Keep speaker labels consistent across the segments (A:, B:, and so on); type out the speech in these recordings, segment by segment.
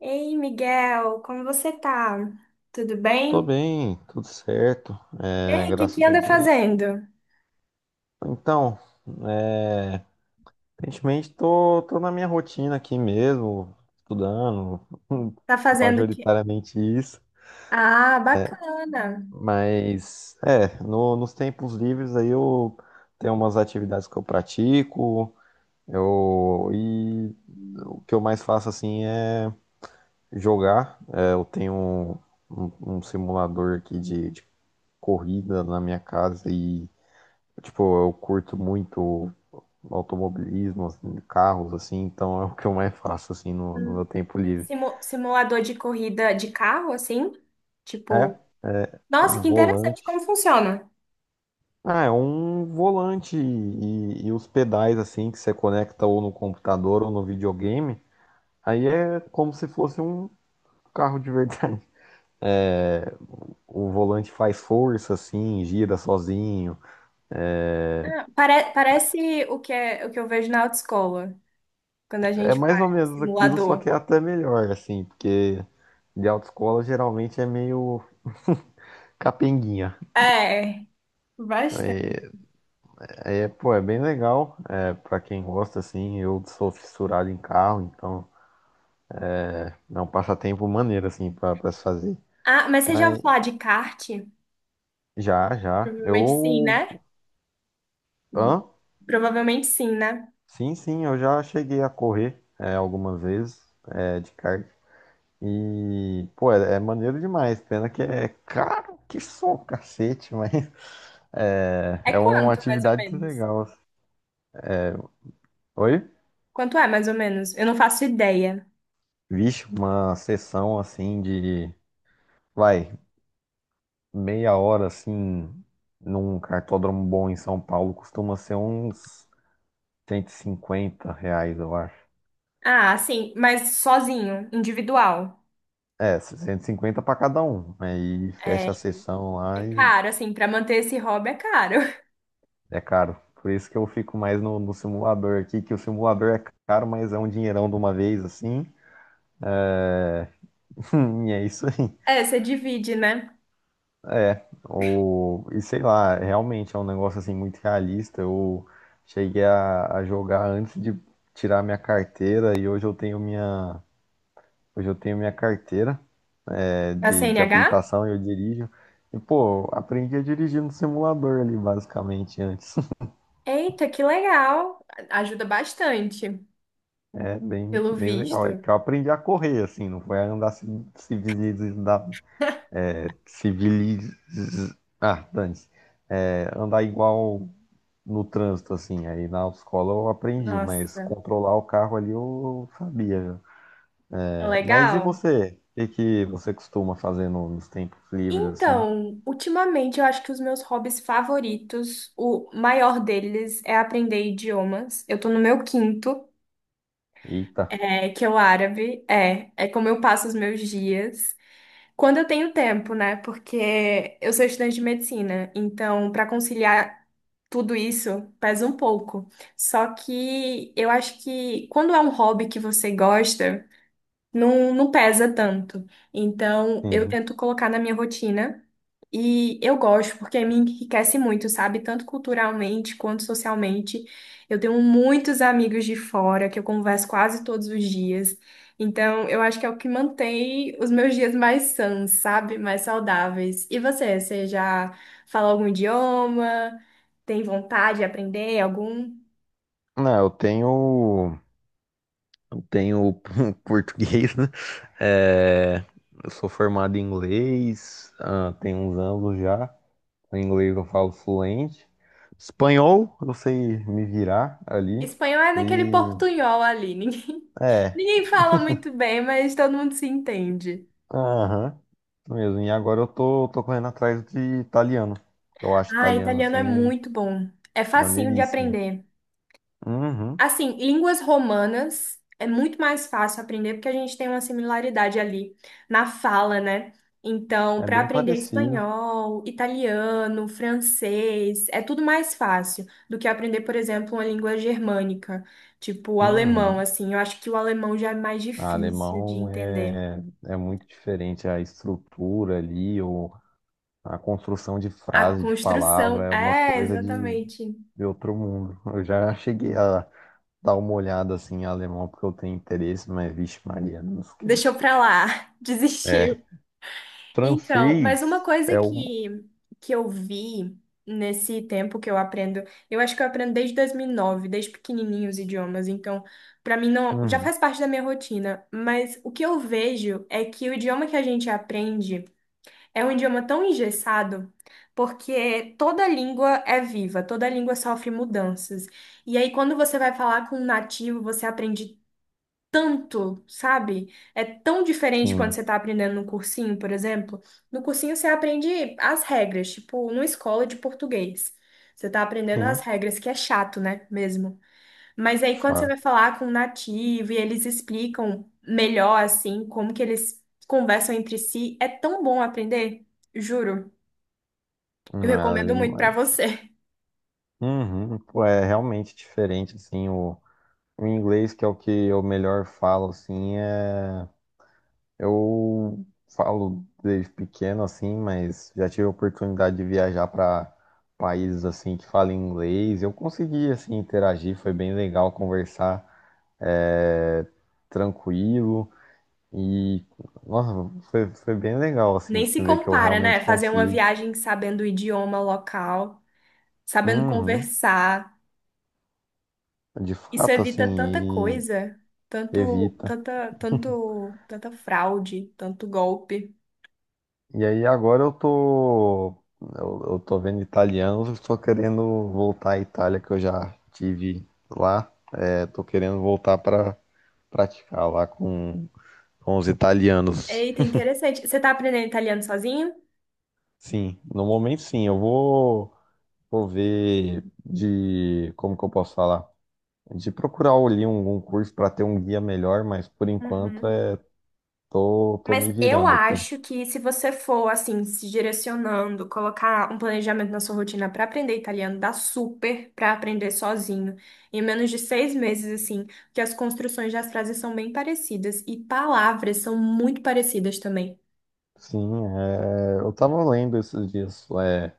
A: Ei, Miguel, como você tá? Tudo
B: Tô
A: bem?
B: bem, tudo certo,
A: E aí, o que que
B: graças a
A: anda
B: Deus.
A: fazendo?
B: Então, é, aparentemente tô na minha rotina aqui mesmo, estudando,
A: Tá fazendo o quê?
B: majoritariamente isso,
A: Ah, bacana.
B: mas nos tempos livres aí eu tenho umas atividades que eu pratico, e o que eu mais faço assim é jogar. É, eu tenho um, um simulador aqui de corrida na minha casa e tipo, eu curto muito automobilismo, assim, carros, assim, então é o que eu mais faço, assim, no meu
A: Hum,
B: tempo livre.
A: simulador de corrida de carro, assim?
B: É,
A: Tipo,
B: é
A: nossa,
B: um
A: que interessante como
B: volante.
A: funciona.
B: Ah, é um volante e os pedais, assim, que você conecta ou no computador ou no videogame. Aí é como se fosse um carro de verdade. O volante faz força, assim, gira sozinho.
A: Parece o que é, o que eu vejo na autoescola, quando a
B: É
A: gente
B: mais ou
A: faz o
B: menos aquilo, só que
A: simulador.
B: é até melhor, assim, porque de autoescola geralmente é meio capenguinha.
A: É, bastante.
B: É, pô, é bem legal. É, pra quem gosta, assim, eu sou fissurado em carro, então é um passatempo maneiro, assim, pra se fazer.
A: Ah, mas você já
B: Mas
A: ouviu falar de kart?
B: já, já.
A: Provavelmente sim,
B: Eu.
A: né?
B: Hã?
A: Provavelmente sim, né?
B: Sim, sim, eu já cheguei a correr algumas vezes de kart. E, pô, é maneiro demais. Pena que é caro, que só cacete, mas
A: É
B: é uma
A: quanto, mais ou
B: atividade
A: menos?
B: legal. Oi?
A: Quanto é, mais ou menos? Eu não faço ideia.
B: Vixe, uma sessão assim de. Vai, meia hora assim num cartódromo bom em São Paulo costuma ser uns 150 reais, eu acho.
A: Ah, sim, mas sozinho, individual.
B: É, 150 para cada um. Aí
A: É,
B: fecha a sessão
A: é
B: lá e
A: caro, assim, pra manter esse hobby é caro.
B: é caro. Por isso que eu fico mais no simulador aqui, que o simulador é caro, mas é um dinheirão de uma vez assim. E é isso aí.
A: É, você divide, né?
B: É, e sei lá, realmente é um negócio assim muito realista. Eu cheguei a jogar antes de tirar minha carteira e hoje eu tenho minha carteira,
A: A
B: de
A: CNH?
B: habilitação e eu dirijo. E, pô, aprendi a dirigir no simulador ali, basicamente, antes.
A: Eita, que legal! Ajuda bastante,
B: É bem,
A: pelo
B: bem legal. É
A: visto.
B: que eu aprendi a correr, assim, não foi a andar civilizado. É. Ah, dane andar igual no trânsito, assim. Aí na escola eu aprendi, mas
A: Nossa,
B: controlar o carro ali eu sabia, né?
A: é
B: É, mas e
A: legal.
B: você? O que que você costuma fazer nos tempos livres, assim?
A: Então, ultimamente eu acho que os meus hobbies favoritos, o maior deles é aprender idiomas. Eu tô no meu quinto,
B: Eita.
A: é, que é o árabe. É, é como eu passo os meus dias. Quando eu tenho tempo, né? Porque eu sou estudante de medicina, então para conciliar tudo isso pesa um pouco. Só que eu acho que quando é um hobby que você gosta, não, não pesa tanto. Então, eu
B: Uhum.
A: tento colocar na minha rotina e eu gosto, porque me enriquece muito, sabe? Tanto culturalmente quanto socialmente. Eu tenho muitos amigos de fora que eu converso quase todos os dias. Então, eu acho que é o que mantém os meus dias mais sãos, sabe? Mais saudáveis. E você, você já fala algum idioma? Tem vontade de aprender algum?
B: Não, eu tenho português, né? É, eu sou formado em inglês, tem uns anos já. O inglês eu falo fluente. Espanhol, eu sei me virar ali.
A: Espanhol é naquele
B: E
A: portunhol ali, ninguém
B: é,
A: Ninguém fala muito bem, mas todo mundo se entende.
B: aham, mesmo. E agora eu tô correndo atrás de italiano. Eu acho
A: Ah,
B: italiano
A: italiano é
B: assim
A: muito bom. É facinho de
B: maneiríssimo.
A: aprender.
B: Uhum,
A: Assim, línguas romanas é muito mais fácil aprender porque a gente tem uma similaridade ali na fala, né? Então,
B: é
A: para
B: bem
A: aprender
B: parecido.
A: espanhol, italiano, francês, é tudo mais fácil do que aprender, por exemplo, uma língua germânica, tipo o alemão,
B: Uhum.
A: assim. Eu acho que o alemão já é mais
B: A
A: difícil de
B: alemão
A: entender.
B: é muito diferente, a estrutura ali, ou a construção de
A: A
B: frase, de palavra,
A: construção,
B: é uma
A: é,
B: coisa
A: exatamente.
B: de outro mundo. Eu já cheguei a dar uma olhada assim em alemão porque eu tenho interesse, mas vixe Maria, não
A: Deixou
B: esquece.
A: pra lá,
B: É,
A: desistiu. Então, mas uma
B: francês
A: coisa
B: é o.
A: que eu vi nesse tempo que eu aprendo, eu acho que eu aprendo desde 2009 desde pequenininho os idiomas, então pra mim não, já
B: Uhum,
A: faz parte da minha rotina, mas o que eu vejo é que o idioma que a gente aprende é um idioma tão engessado, porque toda língua é viva, toda língua sofre mudanças. E aí quando você vai falar com um nativo, você aprende tanto, sabe? É tão diferente quando
B: sim,
A: você tá aprendendo no cursinho, por exemplo. No cursinho você aprende as regras, tipo, numa escola de português. Você tá aprendendo as
B: sim,
A: regras, que é chato, né? Mesmo. Mas
B: de
A: aí quando você
B: fato.
A: vai falar com um nativo e eles explicam melhor, assim, como que eles conversam entre si, é tão bom aprender. Juro, eu recomendo
B: Uhum,
A: muito pra você.
B: uhum, pô, é realmente diferente, assim, o inglês, que é o que eu melhor falo, assim. Eu falo desde pequeno assim, mas já tive a oportunidade de viajar para países assim que falam inglês. Eu consegui assim interagir, foi bem legal conversar, é, tranquilo e nossa, foi bem legal assim,
A: Nem
B: se
A: se
B: ver que eu
A: compara, né?
B: realmente
A: Fazer uma
B: consigo.
A: viagem sabendo o idioma local, sabendo
B: Uhum,
A: conversar.
B: de
A: Isso
B: fato
A: evita tanta
B: assim,
A: coisa,
B: e evita.
A: tanto, tanta fraude, tanto golpe.
B: E aí agora eu tô vendo italianos, estou querendo voltar à Itália que eu já tive lá. É, tô querendo voltar pra praticar lá com os italianos.
A: Eita, interessante. Você tá aprendendo italiano sozinho?
B: Sim, no momento sim, eu vou ver, como que eu posso falar? De procurar ali um curso para ter um guia melhor, mas por enquanto
A: Uhum.
B: é, tô
A: Mas
B: me
A: eu
B: virando aqui.
A: acho que se você for assim, se direcionando, colocar um planejamento na sua rotina para aprender italiano, dá super para aprender sozinho. Em menos de 6 meses, assim, porque as construções das frases são bem parecidas e palavras são muito parecidas também.
B: Sim, eu tava lendo esses dias,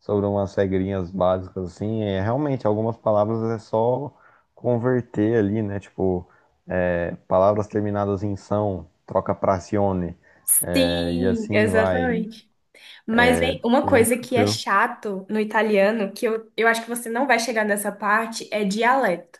B: sobre umas regrinhas básicas, assim, realmente algumas palavras é só converter ali, né? Tipo, palavras terminadas em são, troca pra cione, e
A: Sim,
B: assim vai.
A: exatamente. Mas vem uma
B: É,
A: coisa que é
B: tranquilo.
A: chato no italiano, que eu acho que você não vai chegar nessa parte, é dialeto.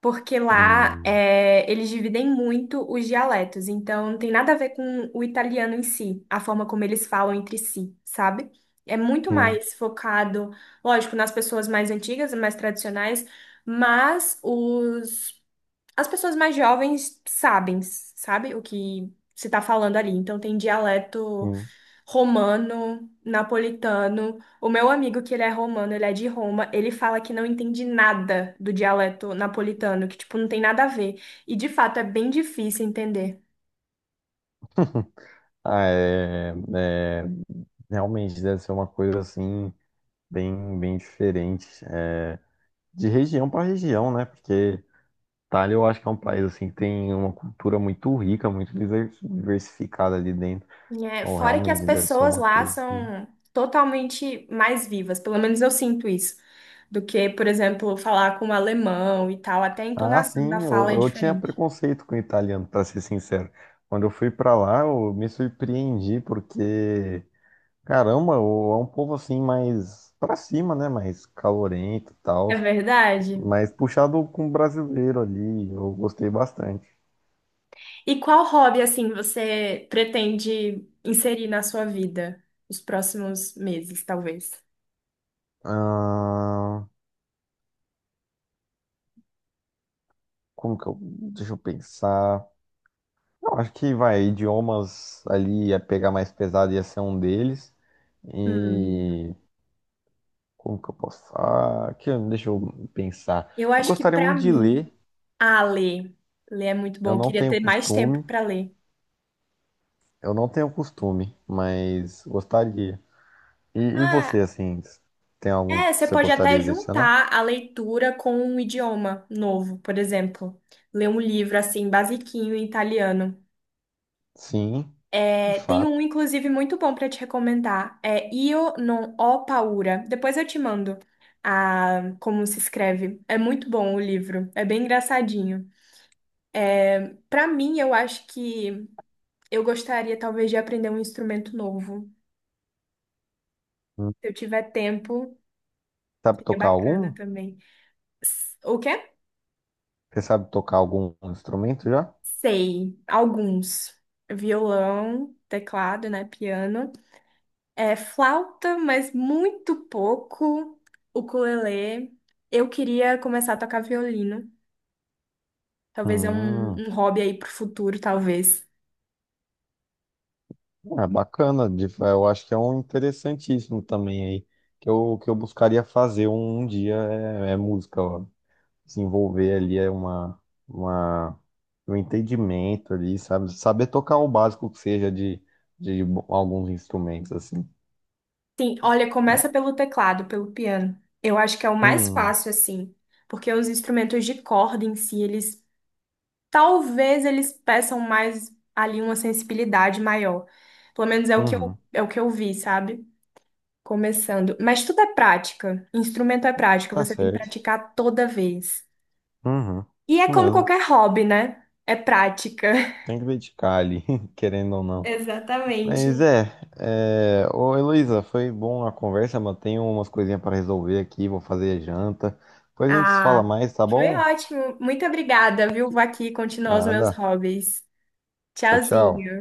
A: Porque lá
B: Hum,
A: é, eles dividem muito os dialetos, então não tem nada a ver com o italiano em si, a forma como eles falam entre si, sabe? É muito
B: sim,
A: mais focado, lógico, nas pessoas mais antigas, mais tradicionais, mas as pessoas mais jovens sabem, sabe, o que se está falando ali. Então tem dialeto
B: sim.
A: romano, napolitano. O meu amigo, que ele é romano, ele é de Roma, ele fala que não entende nada do dialeto napolitano, que, tipo, não tem nada a ver. E, de fato, é bem difícil entender.
B: Ah, realmente deve ser uma coisa assim, bem, bem diferente. De região para região, né? Porque Itália, eu acho que é um país assim que tem uma cultura muito rica, muito diversificada ali dentro.
A: É,
B: Então,
A: fora que as
B: realmente deve ser
A: pessoas
B: uma
A: lá
B: coisa assim.
A: são totalmente mais vivas, pelo menos eu sinto isso, do que, por exemplo, falar com o alemão e tal. Até a
B: Ah,
A: entonação da
B: sim,
A: fala é
B: eu tinha
A: diferente.
B: preconceito com o italiano, pra ser sincero. Quando eu fui pra lá, eu me surpreendi porque, caramba, é um povo assim mais pra cima, né? Mais calorento e
A: É
B: tal,
A: verdade?
B: mas puxado com o brasileiro ali. Eu gostei bastante.
A: E qual hobby, assim, você pretende inserir na sua vida os próximos meses, talvez?
B: Ah, deixa eu pensar. Eu acho que vai, idiomas ali ia pegar mais pesado, ia ser um deles.
A: Hum,
B: E como que eu posso? Ah, deixa eu pensar.
A: eu
B: Eu
A: acho que
B: gostaria
A: pra
B: muito de
A: mim,
B: ler,
A: ah, ler. Ler é muito bom.
B: eu
A: Eu
B: não
A: queria
B: tenho
A: ter mais tempo
B: costume,
A: pra ler.
B: eu não tenho costume, mas gostaria. E você,
A: Ah,
B: assim, tem algum que
A: é, você
B: você
A: pode até
B: gostaria de adicionar?
A: juntar a leitura com um idioma novo, por exemplo. Ler um livro assim, basiquinho em italiano.
B: Sim, de
A: É, tem um,
B: fato.
A: inclusive, muito bom para te recomendar. É Io non ho paura. Depois eu te mando a como se escreve. É muito bom o livro. É bem engraçadinho. Para mim, eu acho que eu gostaria talvez de aprender um instrumento novo.
B: Hum,
A: Se eu tiver tempo,
B: Sabe
A: seria
B: tocar
A: bacana
B: algum?
A: também. O quê?
B: Você sabe tocar algum instrumento já?
A: Sei, alguns. Violão, teclado, né? Piano. É flauta, mas muito pouco. Ukulele. Eu queria começar a tocar violino. Talvez é
B: Hum.
A: um hobby aí pro futuro, talvez.
B: É bacana, eu acho que é um interessantíssimo também aí, que eu buscaria fazer um dia, é música, ó. Desenvolver ali é uma, um entendimento ali, sabe? Saber tocar o básico que seja de alguns instrumentos, assim.
A: Sim, olha,
B: Né?
A: começa pelo teclado, pelo piano. Eu acho que é o mais
B: Hum,
A: fácil, assim, porque os instrumentos de corda em si, eles talvez eles peçam mais ali uma sensibilidade maior. Pelo menos é o que
B: uhum,
A: eu, é o que eu vi, sabe? Começando. Mas tudo é prática. Instrumento é prática,
B: tá
A: você tem que
B: certo,
A: praticar toda vez.
B: uhum,
A: E é
B: isso
A: como
B: mesmo,
A: qualquer hobby, né? É prática.
B: tem que dedicar ali, querendo ou não. Mas
A: Exatamente.
B: é, Ô Heloísa, foi bom a conversa, mas tenho umas coisinhas para resolver aqui, vou fazer a janta. Depois a gente se fala
A: Ah,
B: mais, tá
A: foi
B: bom?
A: ótimo. Muito obrigada, viu? Vou aqui continuar os
B: Nada.
A: meus hobbies.
B: Tchau, tchau.
A: Tchauzinho.